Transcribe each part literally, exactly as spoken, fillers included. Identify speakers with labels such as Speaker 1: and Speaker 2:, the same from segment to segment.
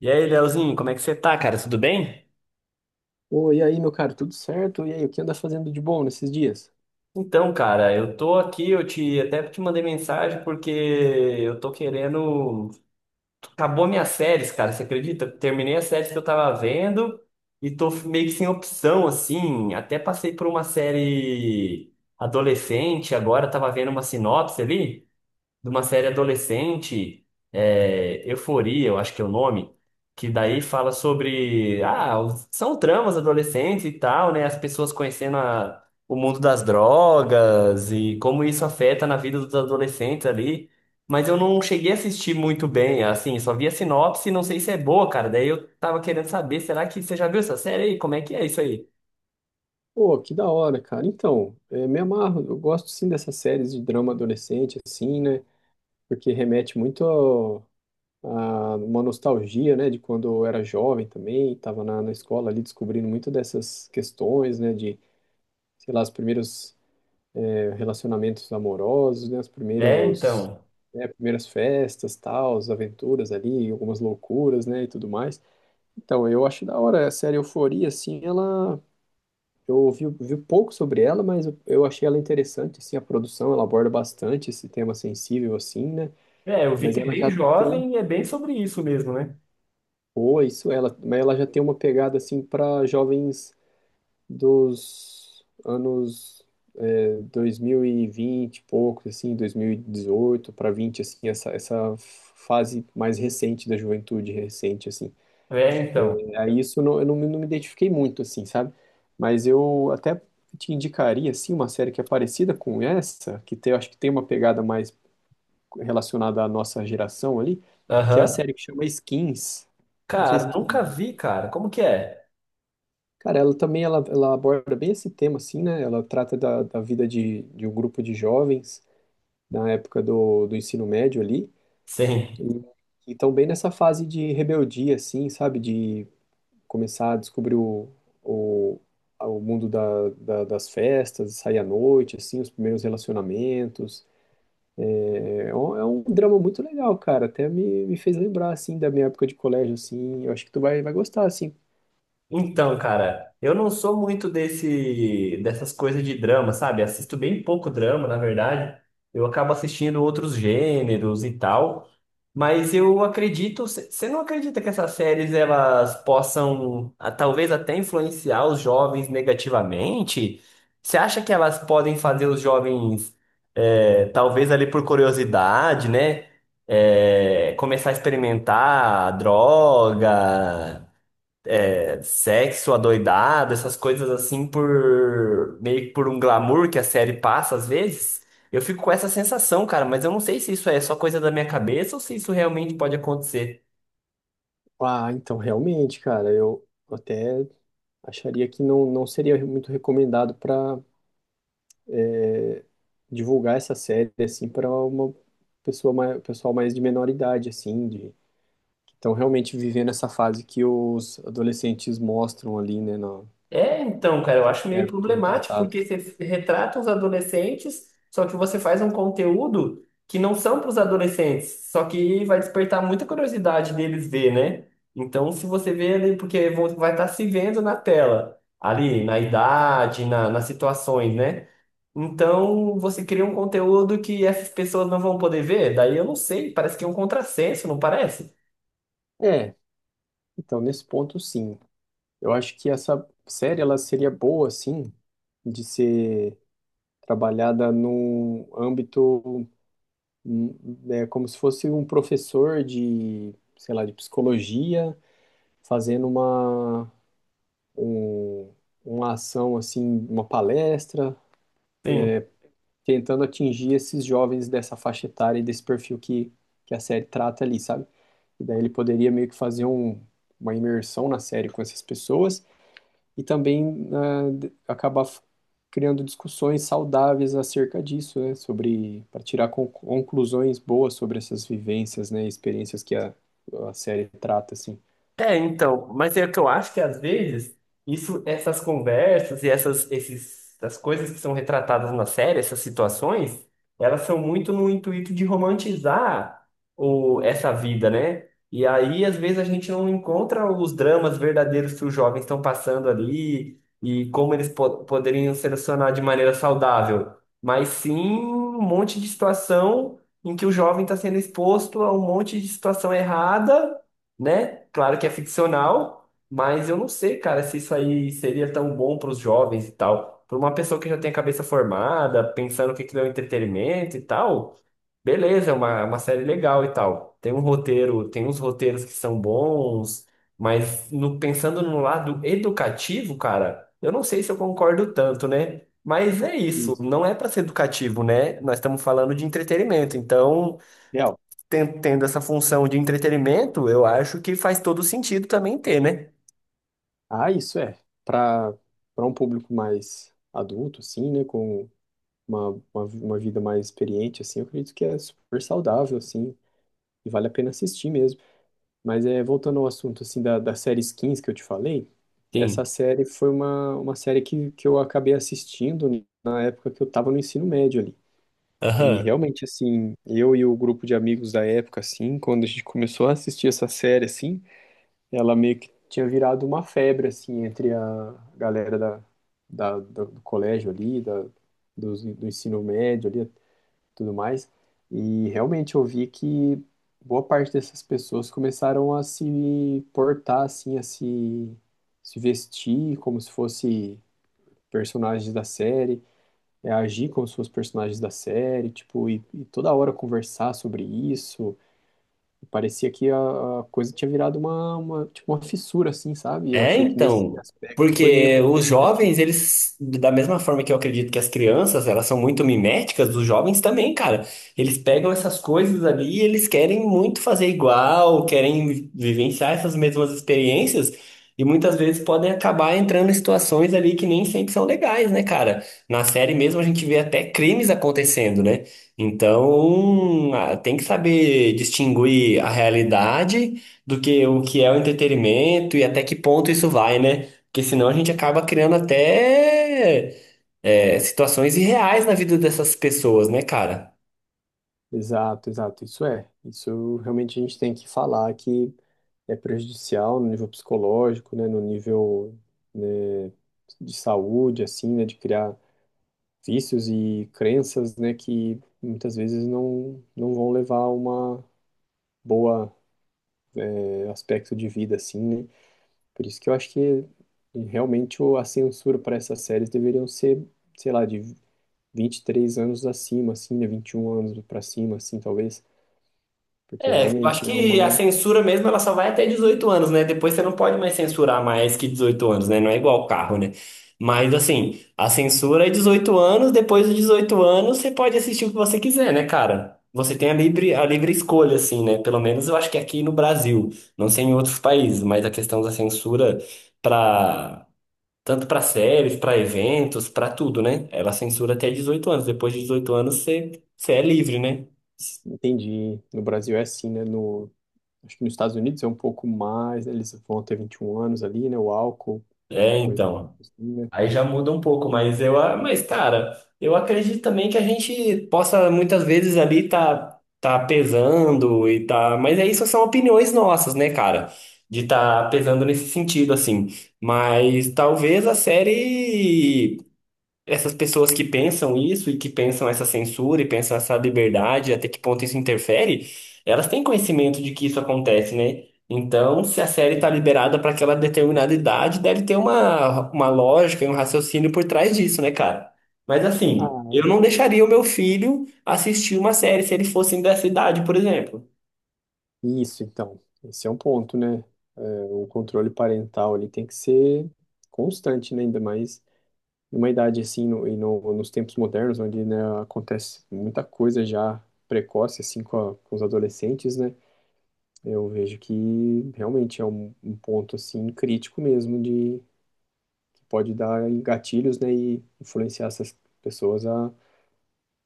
Speaker 1: E aí, Leozinho, como é que você tá, cara? Tudo bem?
Speaker 2: Ô, e aí, meu cara, tudo certo? E aí, o que anda fazendo de bom nesses dias?
Speaker 1: Então, cara, eu tô aqui, eu te até te mandei mensagem porque eu tô querendo. Acabou minhas séries, cara, você acredita? Terminei as séries que eu tava vendo e tô meio que sem opção, assim. Até passei por uma série adolescente, agora eu tava vendo uma sinopse ali. De uma série adolescente, é, Euforia, eu acho que é o nome, que daí fala sobre, ah, os- são tramas adolescentes e tal, né? As pessoas conhecendo a- o mundo das drogas e como isso afeta na vida dos adolescentes ali. Mas eu não cheguei a assistir muito bem, assim, só vi a sinopse, não sei se é boa, cara. Daí eu tava querendo saber, será que você já viu essa série aí? Como é que é isso aí?
Speaker 2: Pô, que da hora, cara. Então, é, me amarro, eu gosto sim dessas séries de drama adolescente, assim, né? Porque remete muito ao- a uma nostalgia, né? De quando eu era jovem também, tava na, na escola ali descobrindo muito dessas questões, né? De, sei lá, os primeiros é, relacionamentos amorosos, né? Os
Speaker 1: É,
Speaker 2: primeiros,
Speaker 1: então.
Speaker 2: né, primeiras festas, tal, as aventuras ali, algumas loucuras, né? E tudo mais. Então, eu acho da hora. A série Euforia, assim, ela. Eu ouvi, vi pouco sobre ela, mas eu eu achei ela interessante, assim, a produção, ela aborda bastante esse tema sensível, assim, né?
Speaker 1: É, eu vi
Speaker 2: Mas
Speaker 1: que é
Speaker 2: ela
Speaker 1: bem
Speaker 2: já tem.
Speaker 1: jovem e é bem sobre isso mesmo, né?
Speaker 2: Pô, isso, ela. Mas ela já tem uma pegada, assim, para jovens dos anos eh, dois mil e vinte, e vinte, e poucos, assim, dois mil e dezoito para vinte, assim, essa, essa fase mais recente da juventude, recente, assim.
Speaker 1: É, então.
Speaker 2: Aí isso não- eu não, me não me identifiquei muito, assim, sabe? Mas eu até te indicaria, assim, uma série que é parecida com essa, que tem, eu acho que tem uma pegada mais relacionada à nossa geração ali, que é a
Speaker 1: Aham.
Speaker 2: série que chama Skins. Não sei
Speaker 1: Cara,
Speaker 2: se tu já
Speaker 1: nunca
Speaker 2: viu.
Speaker 1: vi, cara. Como que é?
Speaker 2: Cara, ela também, ela, ela aborda bem esse tema, assim, né? Ela trata da, da vida de, de um grupo de jovens na época do, do ensino médio ali,
Speaker 1: Sim.
Speaker 2: e, estão bem nessa fase de rebeldia, assim, sabe? De começar a descobrir o, o, o mundo da, da- das festas, sair à noite, assim, os primeiros relacionamentos. É é um, é um drama muito legal, cara. Até me, me fez lembrar, assim, da minha época de colégio, assim. Eu acho que tu vai, vai gostar, assim.
Speaker 1: Então, cara, eu não sou muito desse dessas coisas de drama, sabe? Assisto bem pouco drama, na verdade. Eu acabo assistindo outros gêneros e tal. Mas eu acredito, você não acredita que essas séries elas possam ah, talvez até influenciar os jovens negativamente? Você acha que elas podem fazer os jovens, eh, talvez ali por curiosidade, né? eh, começar a experimentar droga, sexo adoidado, essas coisas assim por meio que por um glamour que a série passa às vezes. Eu fico com essa sensação, cara, mas eu não sei se isso é só coisa da minha cabeça ou se isso realmente pode acontecer.
Speaker 2: Ah, então, realmente, cara, eu até acharia que não, não seria muito recomendado para divulgar essa série, assim, para uma pessoa mais, pessoal mais de menor idade, assim, de. Então, realmente vivendo essa fase que os adolescentes mostram ali, né, no,
Speaker 1: É, então, cara, eu
Speaker 2: que
Speaker 1: acho meio
Speaker 2: é, que é
Speaker 1: problemático
Speaker 2: retratado.
Speaker 1: porque você retrata os adolescentes, só que você faz um conteúdo que não são para os adolescentes, só que vai despertar muita curiosidade deles ver, né? Então, se você vê ali, porque vão- vai estar se vendo na tela, ali, na idade, na, nas situações, né? Então, você cria um conteúdo que essas pessoas não vão poder ver, daí eu não sei, parece que é um contrassenso, não parece?
Speaker 2: É, então, nesse ponto, sim. Eu acho que essa série, ela seria boa, sim, de ser trabalhada num âmbito, hum, né, como se fosse um professor de, sei lá, de psicologia, fazendo uma, um, uma ação, assim, uma palestra, tentando atingir esses jovens dessa faixa etária e desse perfil que, que a série trata ali, sabe? E daí ele poderia meio que fazer um, uma imersão na série com essas pessoas e também ah, acabar criando discussões saudáveis acerca disso, né? Sobre para tirar conclusões boas sobre essas vivências, né? Experiências que a, a série trata, assim.
Speaker 1: É, então, mas é que eu acho que às vezes isso, essas conversas e essas, esses, essas coisas que são retratadas na série, essas situações, elas são muito no intuito de romantizar o, essa vida, né? E aí, às vezes, a gente não encontra os dramas verdadeiros que os jovens estão passando ali e como eles po poderiam se relacionar de maneira saudável, mas sim um monte de situação em que o jovem está sendo exposto a um monte de situação errada, né? Claro que é ficcional, mas eu não sei, cara, se isso aí seria tão bom para os jovens e tal. Para uma pessoa que já tem a cabeça formada, pensando o que que é o entretenimento e tal, beleza, é uma, é uma série legal e tal. Tem um roteiro, tem uns roteiros que são bons, mas no- pensando no lado educativo, cara, eu não sei se eu concordo tanto, né? Mas é isso,
Speaker 2: Isso.
Speaker 1: não é para ser educativo, né? Nós estamos falando de entretenimento, então
Speaker 2: Real.
Speaker 1: ten- tendo essa função de entretenimento, eu acho que faz todo sentido também ter, né?
Speaker 2: Ah, isso é. Para Para um público mais adulto, assim, né? Com uma, uma, uma vida mais experiente, assim, eu acredito que é super saudável, assim, e vale a pena assistir mesmo. Mas é, voltando ao assunto, assim, da, da série Skins que eu te falei,
Speaker 1: Sim.
Speaker 2: essa série foi uma, uma série que, que eu acabei assistindo na época que eu estava no ensino médio ali. E
Speaker 1: Aham.
Speaker 2: realmente, assim, eu e o grupo de amigos da época, assim, quando a gente começou a assistir essa série, assim, ela meio que tinha virado uma febre, assim, entre a galera da, da, do, do colégio ali, da, do, do ensino médio ali, tudo mais. E realmente eu vi que boa parte dessas pessoas começaram a se portar assim, a se, se vestir como se fosse personagens da série, é, agir como se fossem personagens da série, tipo, e, e toda hora conversar sobre isso. E parecia que a, a coisa tinha virado uma, uma, tipo, uma fissura, assim, sabe? E eu
Speaker 1: É,
Speaker 2: achei que nesse
Speaker 1: então,
Speaker 2: aspecto foi meio,
Speaker 1: porque os
Speaker 2: meio negativo.
Speaker 1: jovens, eles, da mesma forma que eu acredito que as crianças, elas são muito miméticas, os jovens também, cara. Eles pegam essas coisas ali e eles querem muito fazer igual, querem vivenciar essas mesmas experiências e muitas vezes podem acabar entrando em situações ali que nem sempre são legais, né, cara? Na série mesmo a gente vê até crimes acontecendo, né? Então, ah, tem que saber distinguir a realidade do que o que é o entretenimento e até que ponto isso vai, né? Porque senão a gente acaba criando até é, situações irreais na vida dessas pessoas, né, cara?
Speaker 2: Exato, exato, isso é. Isso realmente a gente tem que falar que é prejudicial no nível psicológico, né, no nível, né, de saúde, assim, né, de criar vícios e crenças, né, que muitas vezes não, não vão levar a uma boa eh, aspecto de vida, assim, né. Por isso que eu acho que realmente o- a censura para essas séries deveriam ser, sei lá, de vinte e três anos acima, assim, né, vinte e um anos para cima, assim, talvez, porque
Speaker 1: É, eu acho
Speaker 2: realmente é
Speaker 1: que a
Speaker 2: uma.
Speaker 1: censura mesmo ela só vai até dezoito anos, né? Depois você não pode mais censurar mais que dezoito anos, né? Não é igual carro, né? Mas assim, a censura é dezoito anos, depois dos dezoito anos você pode assistir o que você quiser, né, cara? Você tem a livre, a livre escolha, assim, né? Pelo menos eu acho que aqui no Brasil, não sei em outros países, mas a questão da censura para tanto para séries, para eventos, para tudo, né? Ela censura até dezoito anos. Depois de dezoito anos você, você é livre, né?
Speaker 2: Entendi. No Brasil é assim, né? No, acho que nos Estados Unidos é um pouco mais, né? Eles vão ter vinte e um anos ali, né? O álcool, alguma
Speaker 1: É,
Speaker 2: coisa do tipo
Speaker 1: então.
Speaker 2: assim, né?
Speaker 1: Aí já muda um pouco, mas eu, a- mas cara, eu acredito também que a gente possa muitas vezes ali tá tá pesando e tá, mas é isso são opiniões nossas, né, cara? De tá pesando nesse sentido assim. Mas talvez a série essas pessoas que pensam isso e que pensam essa censura e pensam essa liberdade, até que ponto isso interfere, elas têm conhecimento de que isso acontece, né? Então, se a série está liberada para aquela determinada idade, deve ter uma, uma lógica e um raciocínio por trás disso, né, cara? Mas assim, eu
Speaker 2: Ah,
Speaker 1: não deixaria o meu filho assistir uma série se ele fosse dessa idade, por exemplo.
Speaker 2: isso então. Esse é um ponto, né? É, o controle parental ali tem que ser constante, né? Ainda mais numa idade assim, no, e no, nos tempos modernos, onde, né, acontece muita coisa já precoce, assim, com, a- com os adolescentes, né? Eu vejo que realmente é um, um ponto, assim, crítico mesmo pode dar em gatilhos, né, e influenciar essas pessoas a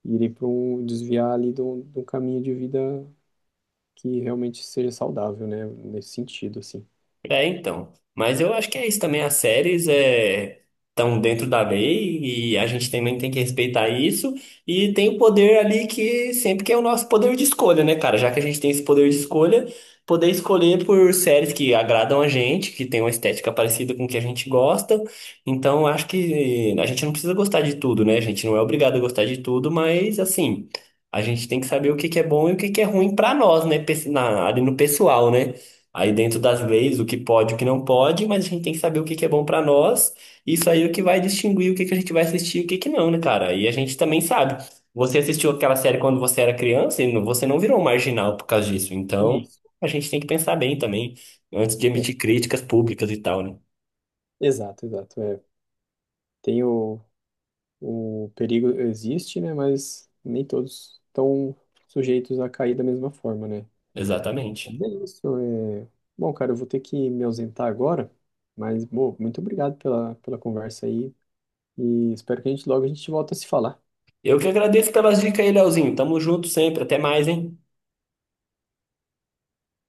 Speaker 2: irem para um desviar ali de um de um caminho de vida que realmente seja saudável, né, nesse sentido, assim.
Speaker 1: É, então. Mas eu acho que é isso também. As séries é, estão dentro da lei e a gente também tem que respeitar isso. E tem o poder ali que sempre que é o nosso poder de escolha, né, cara? Já que a gente tem esse poder de escolha, poder escolher por séries que agradam a gente, que tem uma estética parecida com o que a gente gosta. Então, eu acho que a gente não precisa gostar de tudo, né? A gente não é obrigado a gostar de tudo, mas assim, a gente tem que saber o que que é bom e o que que é ruim pra nós, né? Pe- na- Ali no pessoal, né? Aí dentro das leis, o que pode, o que não pode, mas a gente tem que saber o que que é bom pra nós. Isso aí é o que vai distinguir o que que a gente vai assistir e o que que não, né, cara? E a gente também sabe. Você assistiu aquela série quando você era criança e não- você não virou um marginal por causa disso. Então,
Speaker 2: Isso,
Speaker 1: a gente tem que pensar bem também antes de
Speaker 2: é,
Speaker 1: emitir críticas públicas e tal, né?
Speaker 2: exato, exato, é. Tem o, o perigo existe, né, mas nem todos estão sujeitos a cair da mesma forma, né.
Speaker 1: Exatamente.
Speaker 2: Mas é isso, é... Bom, cara, eu vou ter que me ausentar agora, mas, bom, muito obrigado pela, pela conversa aí e espero que a gente logo a gente volta a se falar.
Speaker 1: Eu que agradeço pelas dicas aí, Leozinho. Tamo junto sempre. Até mais, hein?